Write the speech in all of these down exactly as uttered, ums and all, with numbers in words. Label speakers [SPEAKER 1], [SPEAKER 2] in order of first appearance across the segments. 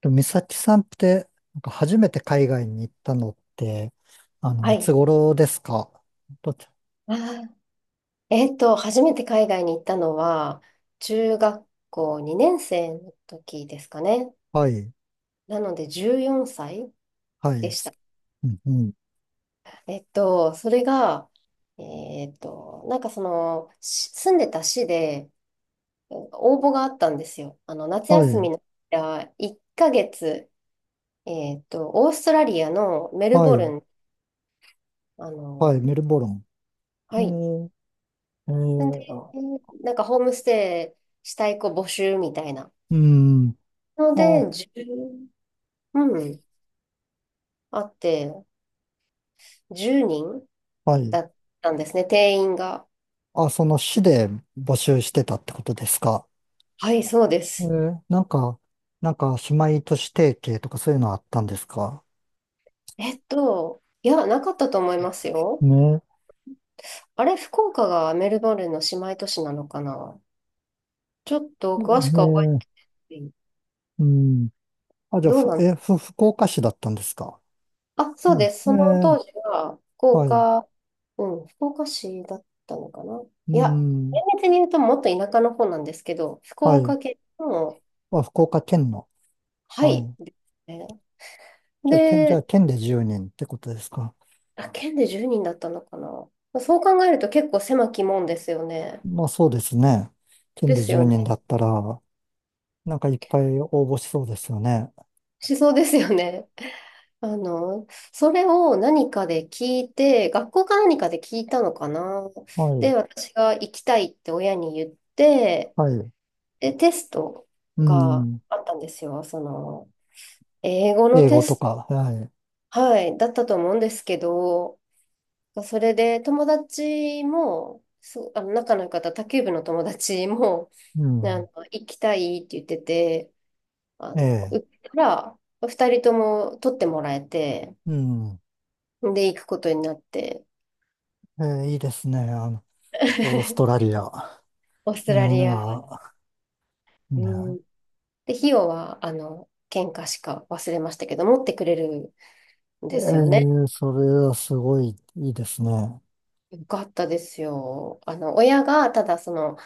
[SPEAKER 1] でも美咲さんって、なんか初めて海外に行ったのって、あの、
[SPEAKER 2] は
[SPEAKER 1] い
[SPEAKER 2] い。
[SPEAKER 1] つ頃ですか？どっち？
[SPEAKER 2] あー、えっと、初めて海外に行ったのは、中学校にねん生の時ですかね。
[SPEAKER 1] はい、
[SPEAKER 2] なので、じゅうよんさい
[SPEAKER 1] は
[SPEAKER 2] で
[SPEAKER 1] い、
[SPEAKER 2] し
[SPEAKER 1] す、
[SPEAKER 2] た。
[SPEAKER 1] うんうん、
[SPEAKER 2] えっと、それが、えっと、なんかその、し住んでた市で応募があったんですよ。あの、夏
[SPEAKER 1] は
[SPEAKER 2] 休み
[SPEAKER 1] い、
[SPEAKER 2] のいっかげつ、えっと、オーストラリアのメル
[SPEAKER 1] は
[SPEAKER 2] ボル
[SPEAKER 1] い、
[SPEAKER 2] ン、あ
[SPEAKER 1] はい、
[SPEAKER 2] の、
[SPEAKER 1] メルボルン。
[SPEAKER 2] は
[SPEAKER 1] え
[SPEAKER 2] い。
[SPEAKER 1] ー、え
[SPEAKER 2] んで、
[SPEAKER 1] ー、あ
[SPEAKER 2] なんかホームステイしたい子募集みたいな。
[SPEAKER 1] うん、
[SPEAKER 2] の
[SPEAKER 1] あ、
[SPEAKER 2] で、いちうん。あって、じゅうにん
[SPEAKER 1] はい。
[SPEAKER 2] だったんですね、定員が。
[SPEAKER 1] あ、その市で募集してたってことですか？
[SPEAKER 2] はい、そうで
[SPEAKER 1] え
[SPEAKER 2] す。
[SPEAKER 1] ー、なんか、なんか、姉妹都市提携とかそういうのあったんですか？
[SPEAKER 2] えっと、いや、なかったと思いますよ。
[SPEAKER 1] ね、
[SPEAKER 2] あれ、福岡がメルボルンの姉妹都市なのかな。ちょっと
[SPEAKER 1] え
[SPEAKER 2] 詳しくは覚え
[SPEAKER 1] ー、
[SPEAKER 2] てない。
[SPEAKER 1] うん。あ、じゃあ、
[SPEAKER 2] どう
[SPEAKER 1] ふ
[SPEAKER 2] なの？
[SPEAKER 1] え、ふ、福岡市だったんですか？
[SPEAKER 2] あ、そ
[SPEAKER 1] う
[SPEAKER 2] うで
[SPEAKER 1] ん。
[SPEAKER 2] す。その当
[SPEAKER 1] え、
[SPEAKER 2] 時は、福
[SPEAKER 1] はい。う
[SPEAKER 2] 岡、うん、福岡市だったのかな。いや、
[SPEAKER 1] ん。
[SPEAKER 2] 厳密に言うともっと田舎の方なんですけど、福
[SPEAKER 1] はい。
[SPEAKER 2] 岡県の、
[SPEAKER 1] あ、福岡県の。
[SPEAKER 2] は
[SPEAKER 1] は
[SPEAKER 2] い、
[SPEAKER 1] い。
[SPEAKER 2] ですね。
[SPEAKER 1] じゃあ、県、じゃあ、
[SPEAKER 2] で、
[SPEAKER 1] 県でじゅうにんってことですか。
[SPEAKER 2] あ、県でじゅうにんだったのかな。まあそう考えると結構狭き門ですよね。
[SPEAKER 1] まあ、そうですね。県
[SPEAKER 2] で
[SPEAKER 1] で
[SPEAKER 2] す
[SPEAKER 1] 10
[SPEAKER 2] よ
[SPEAKER 1] 人
[SPEAKER 2] ね。
[SPEAKER 1] だったら、なんかいっぱい応募しそうですよね。
[SPEAKER 2] しそうですよね。あの、それを何かで聞いて、学校か何かで聞いたのかな。
[SPEAKER 1] はい。
[SPEAKER 2] で、私が行きたいって親に言って、
[SPEAKER 1] はい。
[SPEAKER 2] で、テスト
[SPEAKER 1] う
[SPEAKER 2] が
[SPEAKER 1] ん。
[SPEAKER 2] あったんですよ。その、英語の
[SPEAKER 1] 英
[SPEAKER 2] テ
[SPEAKER 1] 語と
[SPEAKER 2] ス
[SPEAKER 1] か。はい。
[SPEAKER 2] ト、はい、だったと思うんですけど、それで友達も、そう、あの仲の良かった卓球部の友達も、
[SPEAKER 1] う
[SPEAKER 2] で、あ
[SPEAKER 1] ん。
[SPEAKER 2] の、行きたいって言ってて、あ
[SPEAKER 1] え
[SPEAKER 2] の、売っ
[SPEAKER 1] え。
[SPEAKER 2] たら、ふたりとも取ってもらえて、
[SPEAKER 1] うん。
[SPEAKER 2] で、行くことになって、
[SPEAKER 1] ええ、いいですね。あの、オースト ラリア。
[SPEAKER 2] オース
[SPEAKER 1] い
[SPEAKER 2] ト
[SPEAKER 1] や、
[SPEAKER 2] ラリア、うん。
[SPEAKER 1] ね、
[SPEAKER 2] で、費用は、あの、喧嘩しか忘れましたけど、持ってくれるん
[SPEAKER 1] え
[SPEAKER 2] ですよね。
[SPEAKER 1] え、それはすごいいいですね。
[SPEAKER 2] よかったですよ。あの、親が、ただ、その、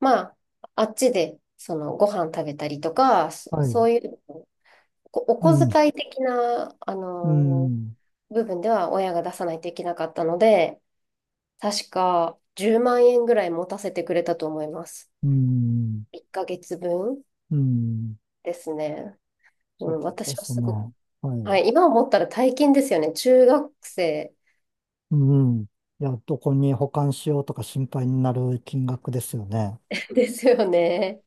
[SPEAKER 2] まあ、あっちで、その、ご飯食べたりとか、そ
[SPEAKER 1] は
[SPEAKER 2] そ
[SPEAKER 1] い。
[SPEAKER 2] ういう、こお
[SPEAKER 1] う
[SPEAKER 2] 小
[SPEAKER 1] ん。
[SPEAKER 2] 遣い的な、あ
[SPEAKER 1] う
[SPEAKER 2] の、
[SPEAKER 1] ん。
[SPEAKER 2] 部分では親が出さないといけなかったので、確かじゅうまん円ぐらい持たせてくれたと思います。
[SPEAKER 1] うん。
[SPEAKER 2] いっかげつぶん
[SPEAKER 1] うん。
[SPEAKER 2] ですね。う
[SPEAKER 1] そ
[SPEAKER 2] ん、
[SPEAKER 1] うで
[SPEAKER 2] 私は
[SPEAKER 1] す
[SPEAKER 2] すごく、
[SPEAKER 1] ね。は
[SPEAKER 2] は
[SPEAKER 1] い。
[SPEAKER 2] い、今思ったら大金ですよね。中学生
[SPEAKER 1] うん。いや、どこに保管しようとか心配になる金額ですよね。
[SPEAKER 2] ですよね。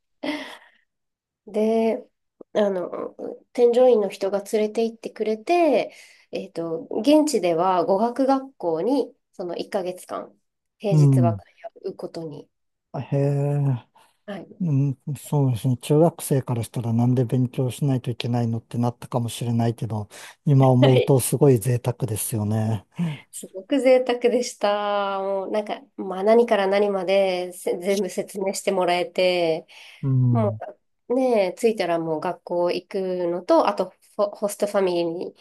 [SPEAKER 2] で、あの、添乗員の人が連れて行ってくれて、えっと、現地では語学学校にそのいっかげつかん、平
[SPEAKER 1] う
[SPEAKER 2] 日は
[SPEAKER 1] ん。
[SPEAKER 2] 通うことに、
[SPEAKER 1] あへえ。
[SPEAKER 2] はい、
[SPEAKER 1] うん、そうですね。中学生からしたらなんで勉強しないといけないのってなったかもしれないけど、今思うと すごい贅沢ですよね。
[SPEAKER 2] すごく贅沢でした。もうなんか、まあ何から何までせ全部説明してもらえて、
[SPEAKER 1] う
[SPEAKER 2] も
[SPEAKER 1] ん。
[SPEAKER 2] うねえ、着いたらもう学校行くのと、あとホ、ホストファミリーに、に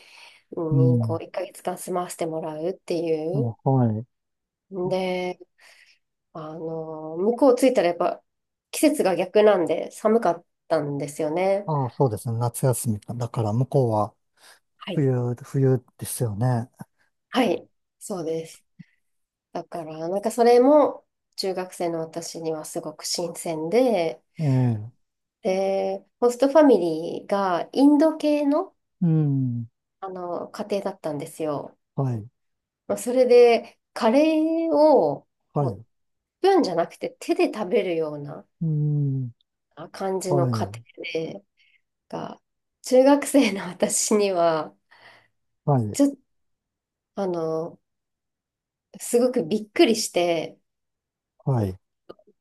[SPEAKER 1] う
[SPEAKER 2] こ
[SPEAKER 1] ん。
[SPEAKER 2] ういっかげつかん住まわせてもらうっていう。
[SPEAKER 1] もうはい。
[SPEAKER 2] で、あの、向こう着いたらやっぱ季節が逆なんで寒かったんですよね。
[SPEAKER 1] ああ、そうですね。夏休みか。だから向こうは
[SPEAKER 2] はい。
[SPEAKER 1] 冬、冬ですよね。
[SPEAKER 2] はい。そうです。だから、なんかそれも中学生の私にはすごく新鮮で、
[SPEAKER 1] ええ。
[SPEAKER 2] で、ホストファミリーがインド系の、
[SPEAKER 1] うん。
[SPEAKER 2] あの家庭だったんですよ。
[SPEAKER 1] はい。
[SPEAKER 2] まあ、それで、カレーを
[SPEAKER 1] は
[SPEAKER 2] こ
[SPEAKER 1] い。
[SPEAKER 2] うスプーンじゃなくて手で食べるような
[SPEAKER 1] うん。
[SPEAKER 2] あ感じの
[SPEAKER 1] は
[SPEAKER 2] 家
[SPEAKER 1] い。
[SPEAKER 2] 庭で、が、中学生の私には、
[SPEAKER 1] はい。
[SPEAKER 2] ちょっと、あの、すごくびっくりして、
[SPEAKER 1] はい。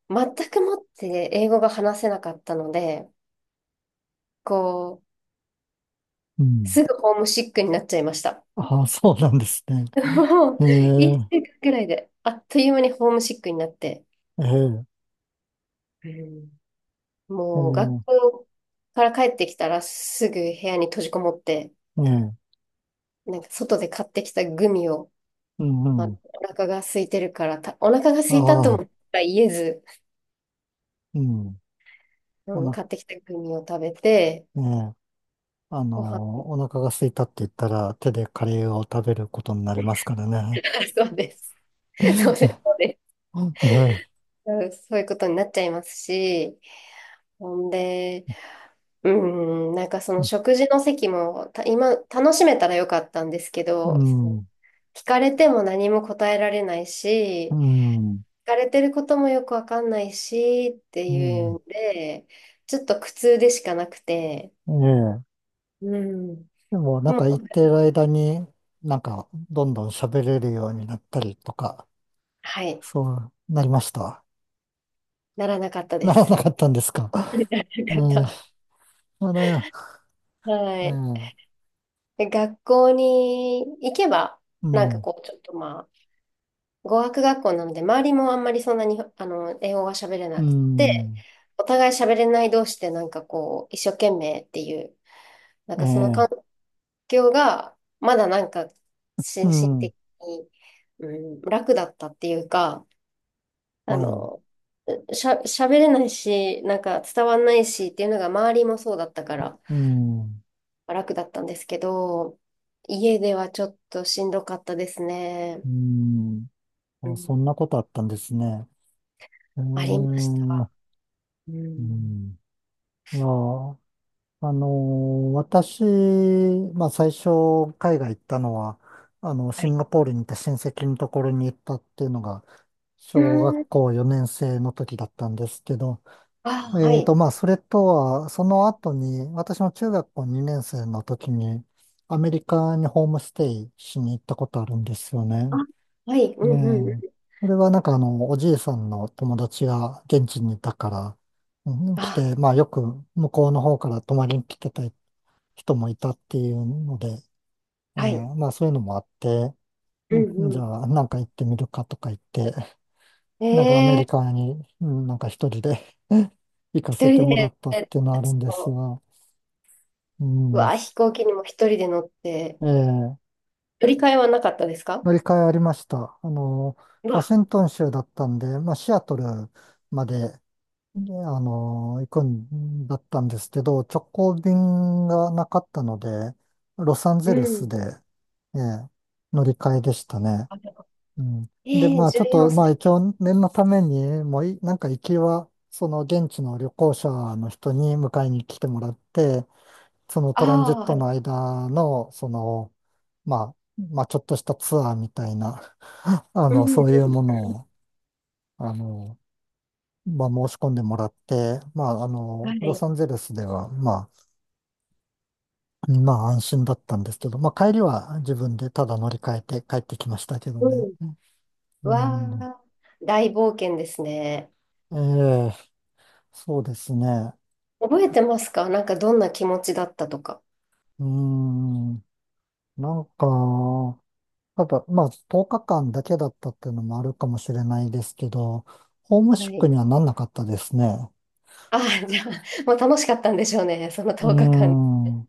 [SPEAKER 2] 全くもって英語が話せなかったので、こ
[SPEAKER 1] う
[SPEAKER 2] う、
[SPEAKER 1] ん。
[SPEAKER 2] すぐホームシックになっちゃいました。
[SPEAKER 1] ああ、そうなんですね。
[SPEAKER 2] も
[SPEAKER 1] え
[SPEAKER 2] う、
[SPEAKER 1] え、
[SPEAKER 2] いっしゅうかんくらいで、あっという間にホームシックになって、
[SPEAKER 1] え
[SPEAKER 2] うん、
[SPEAKER 1] え
[SPEAKER 2] もう学
[SPEAKER 1] ー、
[SPEAKER 2] 校から帰ってきたらすぐ部屋に閉じこもって、
[SPEAKER 1] ええ、
[SPEAKER 2] なんか外で買ってきたグミを、
[SPEAKER 1] うん、
[SPEAKER 2] まあ、
[SPEAKER 1] うん。
[SPEAKER 2] お腹が空いてるからた、お腹が
[SPEAKER 1] あ
[SPEAKER 2] 空いたと
[SPEAKER 1] あ、
[SPEAKER 2] も言えず、
[SPEAKER 1] うん。
[SPEAKER 2] う
[SPEAKER 1] お
[SPEAKER 2] ん、買
[SPEAKER 1] な、
[SPEAKER 2] ってきたグミを食べて、
[SPEAKER 1] ええ、あ
[SPEAKER 2] ご飯、
[SPEAKER 1] のお腹が空いたって言ったら手でカレーを食べることになりますからね。
[SPEAKER 2] そうです。そうです。
[SPEAKER 1] え
[SPEAKER 2] そうです。
[SPEAKER 1] え、
[SPEAKER 2] うん、そういうことになっちゃいますし、ほんで、うん、なんかその食事の席もた今楽しめたらよかったんですけ
[SPEAKER 1] う
[SPEAKER 2] ど、その
[SPEAKER 1] ん、
[SPEAKER 2] 聞かれても何も答えられない
[SPEAKER 1] う
[SPEAKER 2] し、
[SPEAKER 1] ん、
[SPEAKER 2] 疲れてることもよくわかんないしって
[SPEAKER 1] う
[SPEAKER 2] いう
[SPEAKER 1] ん。
[SPEAKER 2] んで、ちょっと苦痛でしかなくて、
[SPEAKER 1] ええ。
[SPEAKER 2] うん。
[SPEAKER 1] でも、なん
[SPEAKER 2] も
[SPEAKER 1] か言って
[SPEAKER 2] う、
[SPEAKER 1] る間に、なんか、どんどん喋れるようになったりとか、
[SPEAKER 2] はい、
[SPEAKER 1] そうなりました？
[SPEAKER 2] ならなかったで
[SPEAKER 1] ならな
[SPEAKER 2] す。
[SPEAKER 1] かったんですか。
[SPEAKER 2] ならな
[SPEAKER 1] うん、あ
[SPEAKER 2] かっ
[SPEAKER 1] れ、
[SPEAKER 2] た。は
[SPEAKER 1] え
[SPEAKER 2] い。
[SPEAKER 1] え、
[SPEAKER 2] で学校に行けば、
[SPEAKER 1] う
[SPEAKER 2] なんか
[SPEAKER 1] ん、
[SPEAKER 2] こう、ちょっとまあ、語学学校なので、周りもあんまりそんなに、あの、英語が喋れ
[SPEAKER 1] う
[SPEAKER 2] なくて、
[SPEAKER 1] ん、
[SPEAKER 2] お互い喋れない同士で、なんかこう、一生懸命っていう、なん
[SPEAKER 1] え
[SPEAKER 2] かその
[SPEAKER 1] え、
[SPEAKER 2] 感業が、まだなんか、
[SPEAKER 1] う
[SPEAKER 2] 心身
[SPEAKER 1] ん、
[SPEAKER 2] 的に、うん、楽だったっていうか、
[SPEAKER 1] は
[SPEAKER 2] あ
[SPEAKER 1] い、
[SPEAKER 2] の、しゃ、喋れないし、なんか伝わんないしっていうのが周りもそうだったから
[SPEAKER 1] うん、
[SPEAKER 2] 楽だったんですけど、家ではちょっとしんどかったですね。
[SPEAKER 1] うん。
[SPEAKER 2] う
[SPEAKER 1] あ、
[SPEAKER 2] ん。
[SPEAKER 1] そんなことあったんですね。うー
[SPEAKER 2] ありまし
[SPEAKER 1] ん、
[SPEAKER 2] た。
[SPEAKER 1] う
[SPEAKER 2] うん。
[SPEAKER 1] ん。いや、あの、私、まあ最初、海外行ったのは、あの、
[SPEAKER 2] は
[SPEAKER 1] シ
[SPEAKER 2] い。
[SPEAKER 1] ンガポールに行った親戚のところに行ったっていうのが、
[SPEAKER 2] う
[SPEAKER 1] 小
[SPEAKER 2] ん。
[SPEAKER 1] 学校よねん生の時だったんですけど、
[SPEAKER 2] あ、は
[SPEAKER 1] えー
[SPEAKER 2] い。
[SPEAKER 1] と、まあ、それとは、その後に、私の中学校にねん生の時に、アメリカにホームステイしに行ったことあるんですよ
[SPEAKER 2] あ、
[SPEAKER 1] ね。
[SPEAKER 2] はい。うんうんう
[SPEAKER 1] ねえ。
[SPEAKER 2] ん。
[SPEAKER 1] それはなんかあの、おじいさんの友達が現地にいたから、うん、来
[SPEAKER 2] あ、
[SPEAKER 1] て、まあ、よく向こうの方から泊まりに来てた人もいたっていうので、え
[SPEAKER 2] はい。
[SPEAKER 1] え、まあ、そういうのもあって、
[SPEAKER 2] う
[SPEAKER 1] うん、じ
[SPEAKER 2] んう
[SPEAKER 1] ゃあ、なんか行ってみるかとか言って、
[SPEAKER 2] ん。
[SPEAKER 1] なんかアメリ
[SPEAKER 2] ええ、
[SPEAKER 1] カに、うん、なんか一人で 行か
[SPEAKER 2] 一
[SPEAKER 1] せて
[SPEAKER 2] 人
[SPEAKER 1] もら
[SPEAKER 2] で、
[SPEAKER 1] ったっていうのはあるんですが、う
[SPEAKER 2] う
[SPEAKER 1] ん、
[SPEAKER 2] わ、飛行機にも一人で乗って、
[SPEAKER 1] ええ、
[SPEAKER 2] 乗り換えはなかったですか？
[SPEAKER 1] 乗り換えありました。あの、
[SPEAKER 2] う
[SPEAKER 1] ワ
[SPEAKER 2] わ、
[SPEAKER 1] シントン州だったんで、まあ、シアトルまで、ね、あの、行くんだったんですけど、直行便がなかったので、ロサン
[SPEAKER 2] う
[SPEAKER 1] ゼルス
[SPEAKER 2] ん。
[SPEAKER 1] で、ええ、乗り換えでしたね。
[SPEAKER 2] あ、でも、
[SPEAKER 1] うん。で、
[SPEAKER 2] ええ、
[SPEAKER 1] まあちょっ
[SPEAKER 2] 14
[SPEAKER 1] と、まあ
[SPEAKER 2] 歳。
[SPEAKER 1] 一応念のために、もうい、なんか行きは、その現地の旅行者の人に迎えに来てもらって、その
[SPEAKER 2] あ
[SPEAKER 1] トランジッ
[SPEAKER 2] あ、
[SPEAKER 1] ト
[SPEAKER 2] はい。
[SPEAKER 1] の間の、その、まあ、まあちょっとしたツアーみたいな、あ
[SPEAKER 2] うん。
[SPEAKER 1] の、そういうものを、あの、まあ申し込んでもらって、まああ
[SPEAKER 2] は
[SPEAKER 1] の、ロ
[SPEAKER 2] い。
[SPEAKER 1] サンゼルスでは、まあ、まあ安心だったんですけど、まあ帰りは自分でただ乗り換えて帰ってきましたけど
[SPEAKER 2] う
[SPEAKER 1] ね。
[SPEAKER 2] ん。う
[SPEAKER 1] うん。
[SPEAKER 2] わあ、大冒険ですね。
[SPEAKER 1] ええ、そうですね。
[SPEAKER 2] 覚えてますか？なんかどんな気持ちだったとか。
[SPEAKER 1] うーん。なんか、ただ、まあ、とおかかんだけだったっていうのもあるかもしれないですけど、ホーム
[SPEAKER 2] は
[SPEAKER 1] シック
[SPEAKER 2] い。
[SPEAKER 1] にはなんなかったですね。
[SPEAKER 2] ああ、じゃあ、もう楽しかったんでしょうね、その
[SPEAKER 1] うー
[SPEAKER 2] とおかかん。
[SPEAKER 1] ん。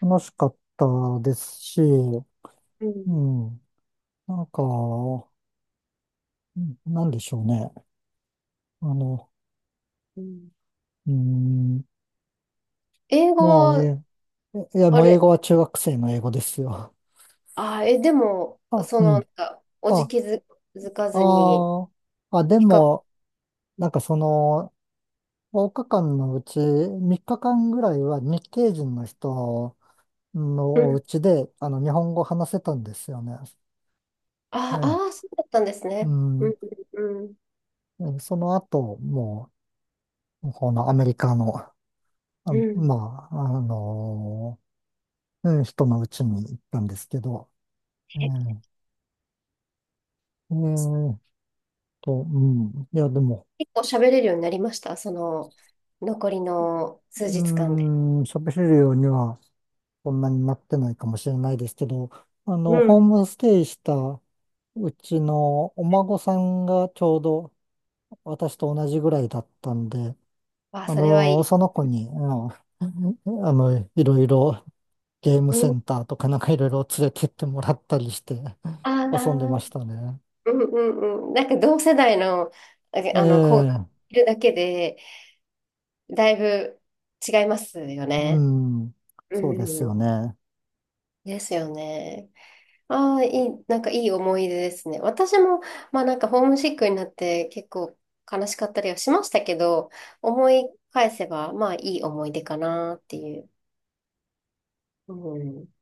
[SPEAKER 1] 楽しかったですし、
[SPEAKER 2] う
[SPEAKER 1] う
[SPEAKER 2] ん。
[SPEAKER 1] ん。なんか、うん、なんでしょうね。あの、
[SPEAKER 2] うん、
[SPEAKER 1] うーん。
[SPEAKER 2] 英語
[SPEAKER 1] もう、
[SPEAKER 2] は、
[SPEAKER 1] え、いや、
[SPEAKER 2] あ
[SPEAKER 1] もう英
[SPEAKER 2] れ、
[SPEAKER 1] 語は中学生の英語ですよ。
[SPEAKER 2] ああ、え、でも、
[SPEAKER 1] あ、
[SPEAKER 2] そ
[SPEAKER 1] う
[SPEAKER 2] の、な
[SPEAKER 1] ん。
[SPEAKER 2] んか、おじ
[SPEAKER 1] あ、
[SPEAKER 2] きづづか
[SPEAKER 1] あ
[SPEAKER 2] ずに、
[SPEAKER 1] ーあ、で
[SPEAKER 2] 比較、
[SPEAKER 1] も、なんかその、いつかかんのうちみっかかんぐらいは日系人の人のお家であの日本語を話せたんですよね。
[SPEAKER 2] ああ
[SPEAKER 1] ね、
[SPEAKER 2] ー、そうだったんです
[SPEAKER 1] う
[SPEAKER 2] ね。う
[SPEAKER 1] ん、
[SPEAKER 2] ん、うん、
[SPEAKER 1] でその後、もう、このアメリカの、あ、
[SPEAKER 2] うん。
[SPEAKER 1] まあ、あの、うん、人のうちに行ったんですけど、う
[SPEAKER 2] え、
[SPEAKER 1] ん、えーと、うん、いや、でも、
[SPEAKER 2] 結構喋れるようになりました、その残りの数
[SPEAKER 1] う
[SPEAKER 2] 日間で。
[SPEAKER 1] ん、喋れるようにはそんなになってないかもしれないですけど、あ
[SPEAKER 2] う
[SPEAKER 1] の、ホー
[SPEAKER 2] ん。
[SPEAKER 1] ムステイしたうちのお孫さんがちょうど私と同じぐらいだったんで、
[SPEAKER 2] あ、
[SPEAKER 1] あ
[SPEAKER 2] それはい
[SPEAKER 1] の、
[SPEAKER 2] い。
[SPEAKER 1] その子に、あの、あのいろいろゲーム
[SPEAKER 2] う
[SPEAKER 1] セン
[SPEAKER 2] ん。
[SPEAKER 1] ターとかなんかいろいろ連れてってもらったりして
[SPEAKER 2] ああ、うん
[SPEAKER 1] 遊んでましたね。
[SPEAKER 2] うんうん。なんか同世代の、あ、
[SPEAKER 1] え
[SPEAKER 2] あの子が
[SPEAKER 1] え、
[SPEAKER 2] いるだけで、だいぶ違いますよ
[SPEAKER 1] う
[SPEAKER 2] ね。
[SPEAKER 1] ん、
[SPEAKER 2] う
[SPEAKER 1] そうですよ
[SPEAKER 2] ん。
[SPEAKER 1] ね。
[SPEAKER 2] ですよね。ああ、いい、なんかいい思い出ですね。私も、まあなんかホームシックになって結構悲しかったりはしましたけど、思い返せば、まあいい思い出かなっていう。うん。